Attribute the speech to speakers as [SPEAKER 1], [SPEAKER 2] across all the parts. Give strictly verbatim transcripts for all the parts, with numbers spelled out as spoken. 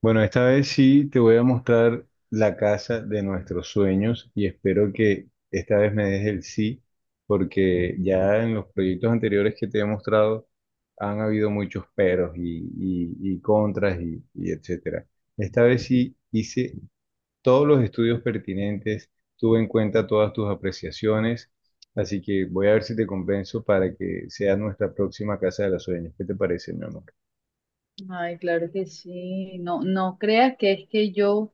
[SPEAKER 1] Bueno, esta vez sí te voy a mostrar la casa de nuestros sueños y espero que esta vez me des el sí, porque ya en los proyectos anteriores que te he mostrado han habido muchos peros y, y- y contras y, y etcétera. Esta vez sí hice todos los estudios pertinentes, tuve en cuenta todas tus apreciaciones, así que voy a ver si te convenzo para que sea nuestra próxima casa de los sueños. ¿Qué te parece, mi amor?
[SPEAKER 2] Ay, claro que sí. No, no creas que es que yo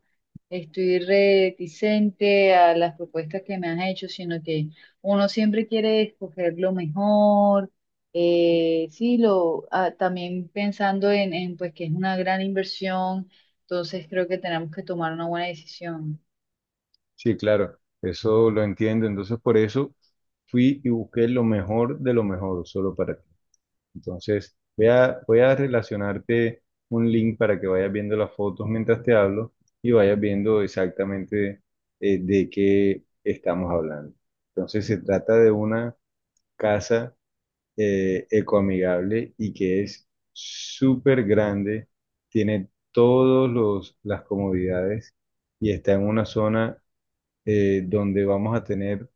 [SPEAKER 2] estoy reticente a las propuestas que me has hecho, sino que uno siempre quiere escoger lo mejor. Eh, sí, lo, ah, también pensando en, en pues que es una gran inversión, entonces creo que tenemos que tomar una buena decisión.
[SPEAKER 1] Sí, claro, eso lo entiendo. Entonces, por eso fui y busqué lo mejor de lo mejor solo para ti. Entonces, voy a, voy a relacionarte un link para que vayas viendo las fotos mientras te hablo y vayas viendo exactamente eh, de qué estamos hablando. Entonces, se trata de una casa eh, ecoamigable y que es súper grande, tiene todas las comodidades y está en una zona eh, donde vamos a tener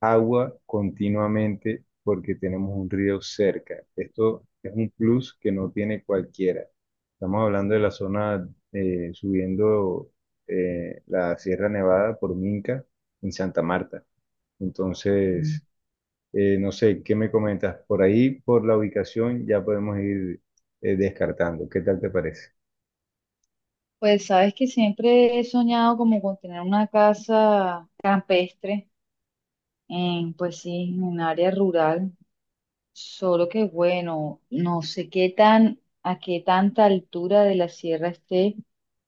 [SPEAKER 1] agua continuamente porque tenemos un río cerca. Esto es un plus que no tiene cualquiera. Estamos hablando de la zona eh, subiendo eh, la Sierra Nevada por Minca en Santa Marta.
[SPEAKER 2] Mm.
[SPEAKER 1] Entonces, eh, no sé, ¿qué me comentas? Por ahí, por la ubicación, ya podemos ir eh, descartando. ¿Qué tal te parece?
[SPEAKER 2] Pues sabes que siempre he soñado como con tener una casa campestre, en, pues sí, en un área rural. Solo que bueno, no sé qué tan, a qué tanta altura de la sierra esté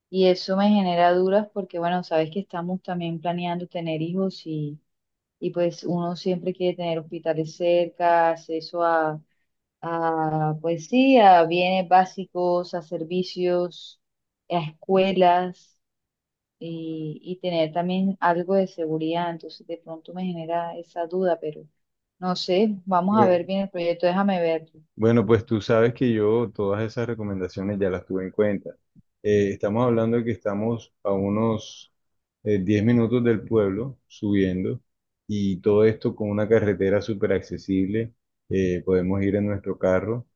[SPEAKER 2] y eso me genera dudas porque bueno, sabes que estamos también planeando tener hijos y, y pues uno siempre quiere tener hospitales cerca, acceso a, a pues sí, a bienes básicos, a servicios, a escuelas y, y tener también algo de seguridad. Entonces de pronto me genera esa duda, pero no sé, vamos a ver bien el proyecto, déjame ver.
[SPEAKER 1] Bueno, pues tú sabes que yo todas esas recomendaciones ya las tuve en cuenta. Eh, estamos hablando de que estamos a unos eh, diez minutos del pueblo subiendo y todo esto con una carretera súper accesible. Eh, podemos ir en nuestro carro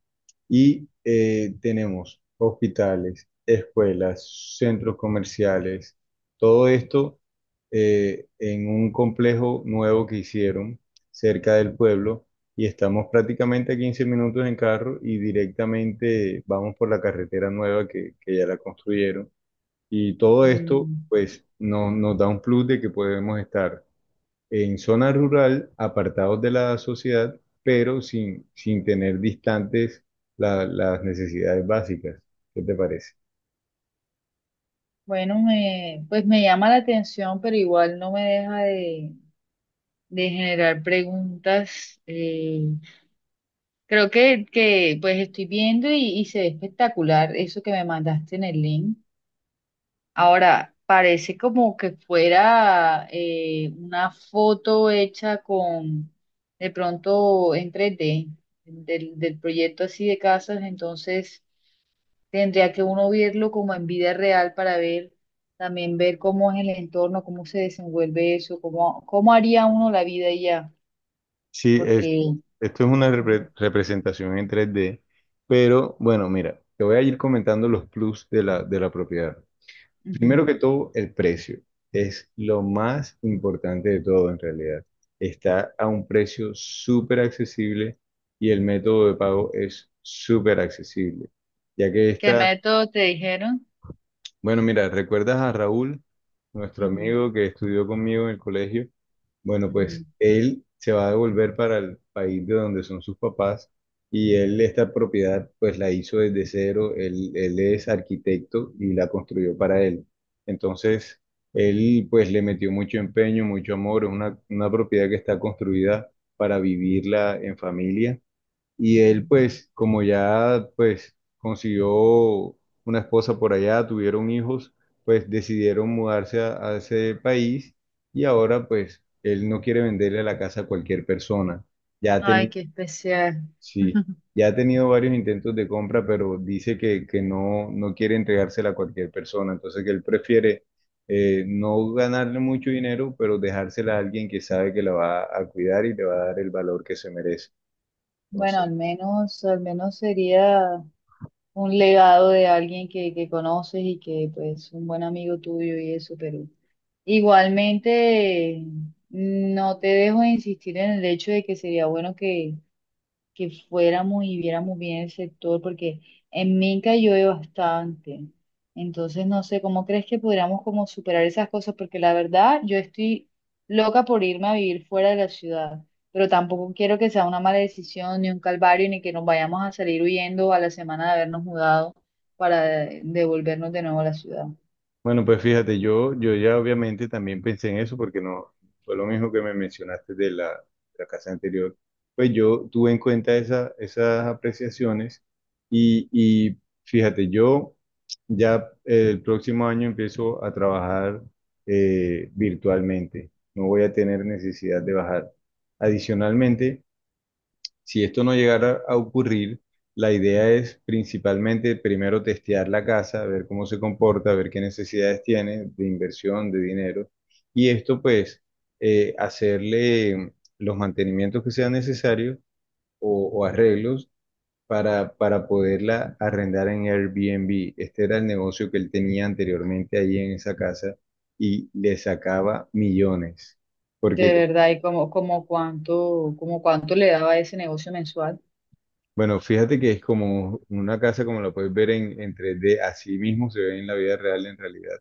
[SPEAKER 1] y eh, tenemos hospitales, escuelas, centros comerciales, todo esto eh, en un complejo nuevo que hicieron cerca del pueblo y estamos prácticamente a quince minutos en carro y directamente vamos por la carretera nueva que, que ya la construyeron. Y todo esto
[SPEAKER 2] Mm.
[SPEAKER 1] pues no- nos da un plus de que podemos estar en zona rural, apartados de la sociedad, pero sin, sin tener distantes la- las necesidades básicas. ¿Qué te parece?
[SPEAKER 2] Bueno, me, pues me llama la atención, pero igual no me deja de, de generar preguntas. Eh, creo que, que pues estoy viendo y, y se ve espectacular eso que me mandaste en el link. Ahora, parece como que fuera eh, una foto hecha con, de pronto en tres D, del, del proyecto así de casas, entonces... Tendría que uno verlo como en vida real para ver, también ver cómo es el entorno, cómo se desenvuelve eso, cómo, cómo haría uno la vida y ya,
[SPEAKER 1] Sí, es,
[SPEAKER 2] porque...
[SPEAKER 1] esto es una
[SPEAKER 2] Ujú,
[SPEAKER 1] repre- representación en tres d, pero bueno, mira, te voy a ir comentando los plus de la, de la propiedad. Primero
[SPEAKER 2] ujú.
[SPEAKER 1] que todo, el precio es lo más importante de todo en realidad. Está a un precio súper accesible y el método de pago es súper accesible, ya que
[SPEAKER 2] ¿Qué
[SPEAKER 1] esta.
[SPEAKER 2] método te dijeron?
[SPEAKER 1] Bueno, mira, ¿recuerdas a Raúl, nuestro
[SPEAKER 2] Ujú,
[SPEAKER 1] amigo que estudió conmigo en el colegio? Bueno,
[SPEAKER 2] ujú,
[SPEAKER 1] pues él se va a devolver para el país de donde son sus papás y él esta propiedad pues la hizo desde cero, él, él es arquitecto y la construyó para él. Entonces, él pues le metió mucho empeño, mucho amor, es una, una propiedad que está construida para vivirla en familia y él,
[SPEAKER 2] ujú.
[SPEAKER 1] pues, como ya, pues, consiguió una esposa por allá, tuvieron hijos, pues decidieron mudarse a, a ese país y ahora, pues, él no quiere venderle la casa a cualquier persona. Ya ha
[SPEAKER 2] Ay,
[SPEAKER 1] tenido,
[SPEAKER 2] qué especial.
[SPEAKER 1] sí, ya ha tenido varios intentos de compra, pero dice que, que no, no quiere entregársela a cualquier persona. Entonces, que él prefiere eh, no ganarle mucho dinero, pero dejársela a alguien que sabe que la va a cuidar y le va a dar el valor que se merece.
[SPEAKER 2] Bueno,
[SPEAKER 1] Entonces,
[SPEAKER 2] al menos, al menos sería un legado de alguien que, que conoces y que pues un buen amigo tuyo y eso, pero igualmente, no te dejo de insistir en el hecho de que sería bueno que, que fuéramos y viéramos bien el sector, porque en Minca llueve bastante. Entonces, no sé, ¿cómo crees que podríamos como superar esas cosas? Porque la verdad, yo estoy loca por irme a vivir fuera de la ciudad, pero tampoco quiero que sea una mala decisión, ni un calvario, ni que nos vayamos a salir huyendo a la semana de habernos mudado para devolvernos de nuevo a la ciudad.
[SPEAKER 1] bueno, pues fíjate, yo, yo ya obviamente también pensé en eso porque no fue lo mismo que me mencionaste de la, de la casa anterior. Pues yo tuve en cuenta esa- esas apreciaciones y, y fíjate, yo ya el próximo año empiezo a trabajar eh, virtualmente. No voy a tener necesidad de bajar. Adicionalmente, si esto no llegara a ocurrir, la idea es principalmente primero testear la casa, ver cómo se comporta, ver qué necesidades tiene de inversión, de dinero, y esto pues eh, hacerle los mantenimientos que sean necesarios o, o arreglos para, para poderla arrendar en Airbnb. Este era el negocio que él tenía anteriormente ahí en esa casa y le sacaba millones,
[SPEAKER 2] De
[SPEAKER 1] porque
[SPEAKER 2] verdad, y como, como cuánto, como cuánto le daba ese negocio mensual.
[SPEAKER 1] bueno, fíjate que es como una casa como la puedes ver en, en tres D, así mismo se ve en la vida real en realidad.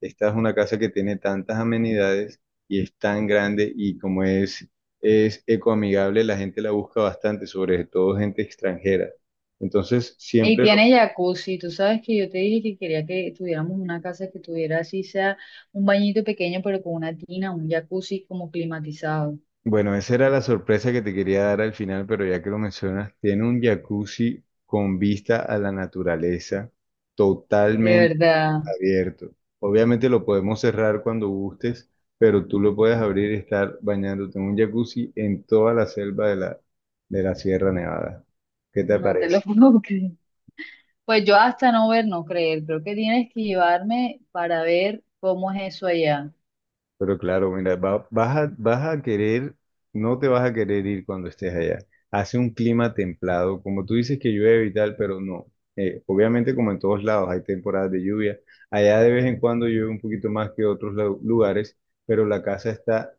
[SPEAKER 1] Esta es una casa que tiene tantas amenidades y es tan grande y como es, es ecoamigable, la gente la busca bastante, sobre todo gente extranjera. Entonces,
[SPEAKER 2] Y
[SPEAKER 1] siempre lo...
[SPEAKER 2] tiene jacuzzi, tú sabes que yo te dije que quería que tuviéramos una casa que tuviera así sea un bañito pequeño, pero con una tina, un jacuzzi como climatizado.
[SPEAKER 1] Bueno, esa era la sorpresa que te quería dar al final, pero ya que lo mencionas, tiene un jacuzzi con vista a la naturaleza,
[SPEAKER 2] De verdad,
[SPEAKER 1] abierto. Obviamente lo podemos cerrar cuando gustes, pero tú lo puedes abrir y estar bañándote en un jacuzzi en toda la selva de la, de la Sierra Nevada. ¿Qué te
[SPEAKER 2] no te lo
[SPEAKER 1] parece?
[SPEAKER 2] puedo creer. Pues yo hasta no ver, no creer, creo que tienes que llevarme para ver cómo es eso allá.
[SPEAKER 1] Pero claro, mira, va- vas a, vas a querer, no te vas a querer ir cuando estés allá. Hace un clima templado, como tú dices que llueve y tal, pero no. Eh, obviamente como en todos lados hay temporadas de lluvia. Allá de vez en cuando llueve un poquito más que otros lu- lugares, pero la casa está.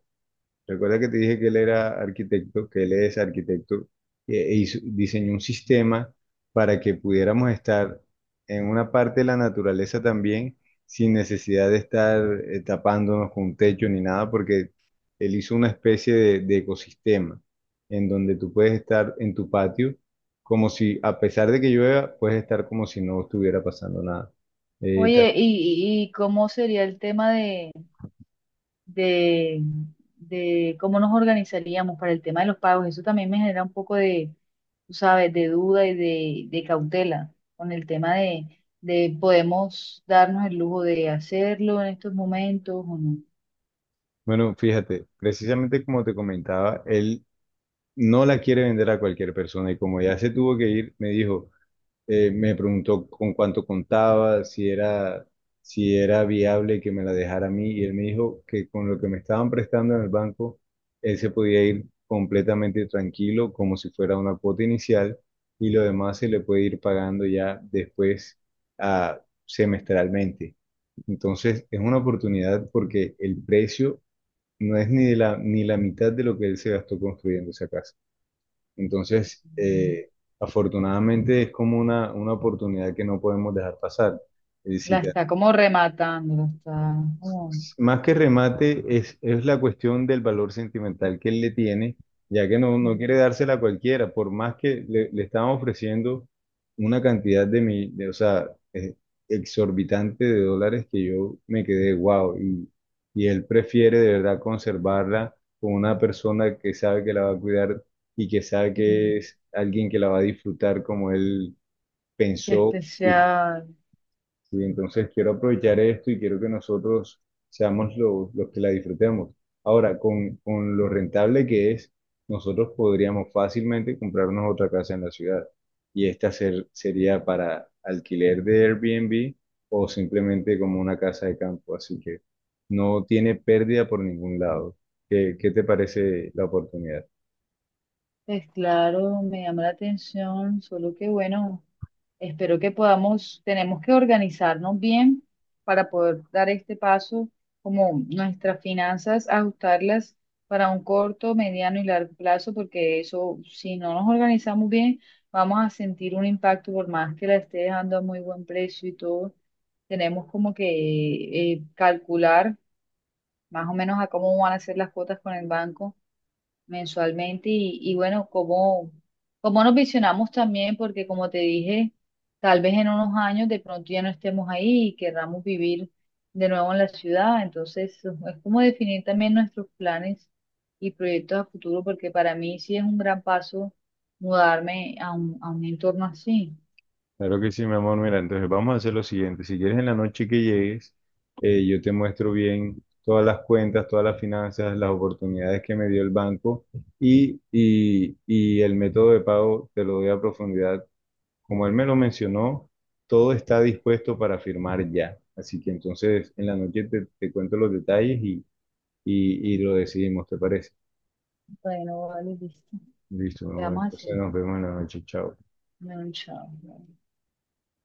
[SPEAKER 1] Recuerda que te dije que él era arquitecto, que él es arquitecto, e e hizo- diseñó un sistema para que pudiéramos estar en una parte de la naturaleza también sin necesidad de estar eh, tapándonos con un techo ni nada, porque él hizo una especie de, de ecosistema en donde tú puedes estar en tu patio como si, a pesar de que llueva, puedes estar como si no estuviera pasando nada. Eh, ta-
[SPEAKER 2] Oye, ¿y, y y cómo sería el tema de... de, de cómo nos organizaríamos para el tema de los pagos. Eso también me genera un poco de, tú sabes, de duda y de, de cautela con el tema de, de podemos darnos el lujo de hacerlo en estos momentos o no.
[SPEAKER 1] bueno, fíjate, precisamente como te comentaba, él no la quiere vender a cualquier persona y como ya se tuvo que ir, me dijo, eh, me preguntó con cuánto contaba, si era, si era viable que me la dejara a mí y él me dijo que con lo que me estaban prestando en el banco, él se podía ir completamente tranquilo como si fuera una cuota inicial y lo demás se le puede ir pagando ya después, ah, semestralmente. Entonces es una oportunidad porque el precio no es ni de la, ni la mitad de lo que él se gastó construyendo esa casa. Entonces, eh, afortunadamente es como una, una oportunidad que no podemos dejar pasar. Eh, si
[SPEAKER 2] La
[SPEAKER 1] te
[SPEAKER 2] está como rematando, la está como,
[SPEAKER 1] más que remate, es, es la cuestión del valor sentimental que él le tiene, ya que no, no
[SPEAKER 2] mm,
[SPEAKER 1] quiere dársela a cualquiera, por más que le, le estaban ofreciendo una cantidad de, mi, de, o sea, eh, exorbitante de dólares que yo me quedé wow, y, y él prefiere de verdad conservarla con una persona que sabe que la va a cuidar y que sabe
[SPEAKER 2] mm,
[SPEAKER 1] que es alguien que la va a disfrutar como él
[SPEAKER 2] qué
[SPEAKER 1] pensó.
[SPEAKER 2] especial.
[SPEAKER 1] Sí, entonces quiero aprovechar esto y quiero que nosotros seamos los, los que la disfrutemos. Ahora, con, con lo rentable que es, nosotros podríamos fácilmente comprarnos otra casa en la ciudad y esta ser- sería para alquiler de Airbnb o simplemente como una casa de campo, así que no tiene pérdida por ningún lado. ¿Qué, qué te parece la oportunidad?
[SPEAKER 2] Pues claro, me llama la atención, solo que bueno, espero que podamos, tenemos que organizarnos bien para poder dar este paso, como nuestras finanzas, ajustarlas para un corto, mediano y largo plazo, porque eso, si no nos organizamos bien, vamos a sentir un impacto por más que la esté dejando a muy buen precio y todo. Tenemos como que eh, calcular más o menos a cómo van a ser las cuotas con el banco mensualmente y, y bueno, cómo, cómo nos visionamos también, porque como te dije, tal vez en unos años de pronto ya no estemos ahí y querramos vivir de nuevo en la ciudad, entonces es como definir también nuestros planes y proyectos a futuro, porque para mí sí es un gran paso mudarme a un, a un entorno así.
[SPEAKER 1] Claro que sí, mi amor. Mira, entonces vamos a hacer lo siguiente. Si quieres en la noche que llegues, eh, yo te muestro bien todas las cuentas, todas las finanzas, las oportunidades que me dio el banco y, y, y el método de pago te lo doy a profundidad. Como él me lo mencionó, todo está dispuesto para firmar ya. Así que entonces en la noche te, te cuento los detalles y, y, y lo decidimos, ¿te parece?
[SPEAKER 2] Bueno, vale, listo.
[SPEAKER 1] Listo, mi amor.
[SPEAKER 2] Quedamos
[SPEAKER 1] Entonces
[SPEAKER 2] así.
[SPEAKER 1] nos vemos en la noche. Chao.
[SPEAKER 2] Bueno, chao.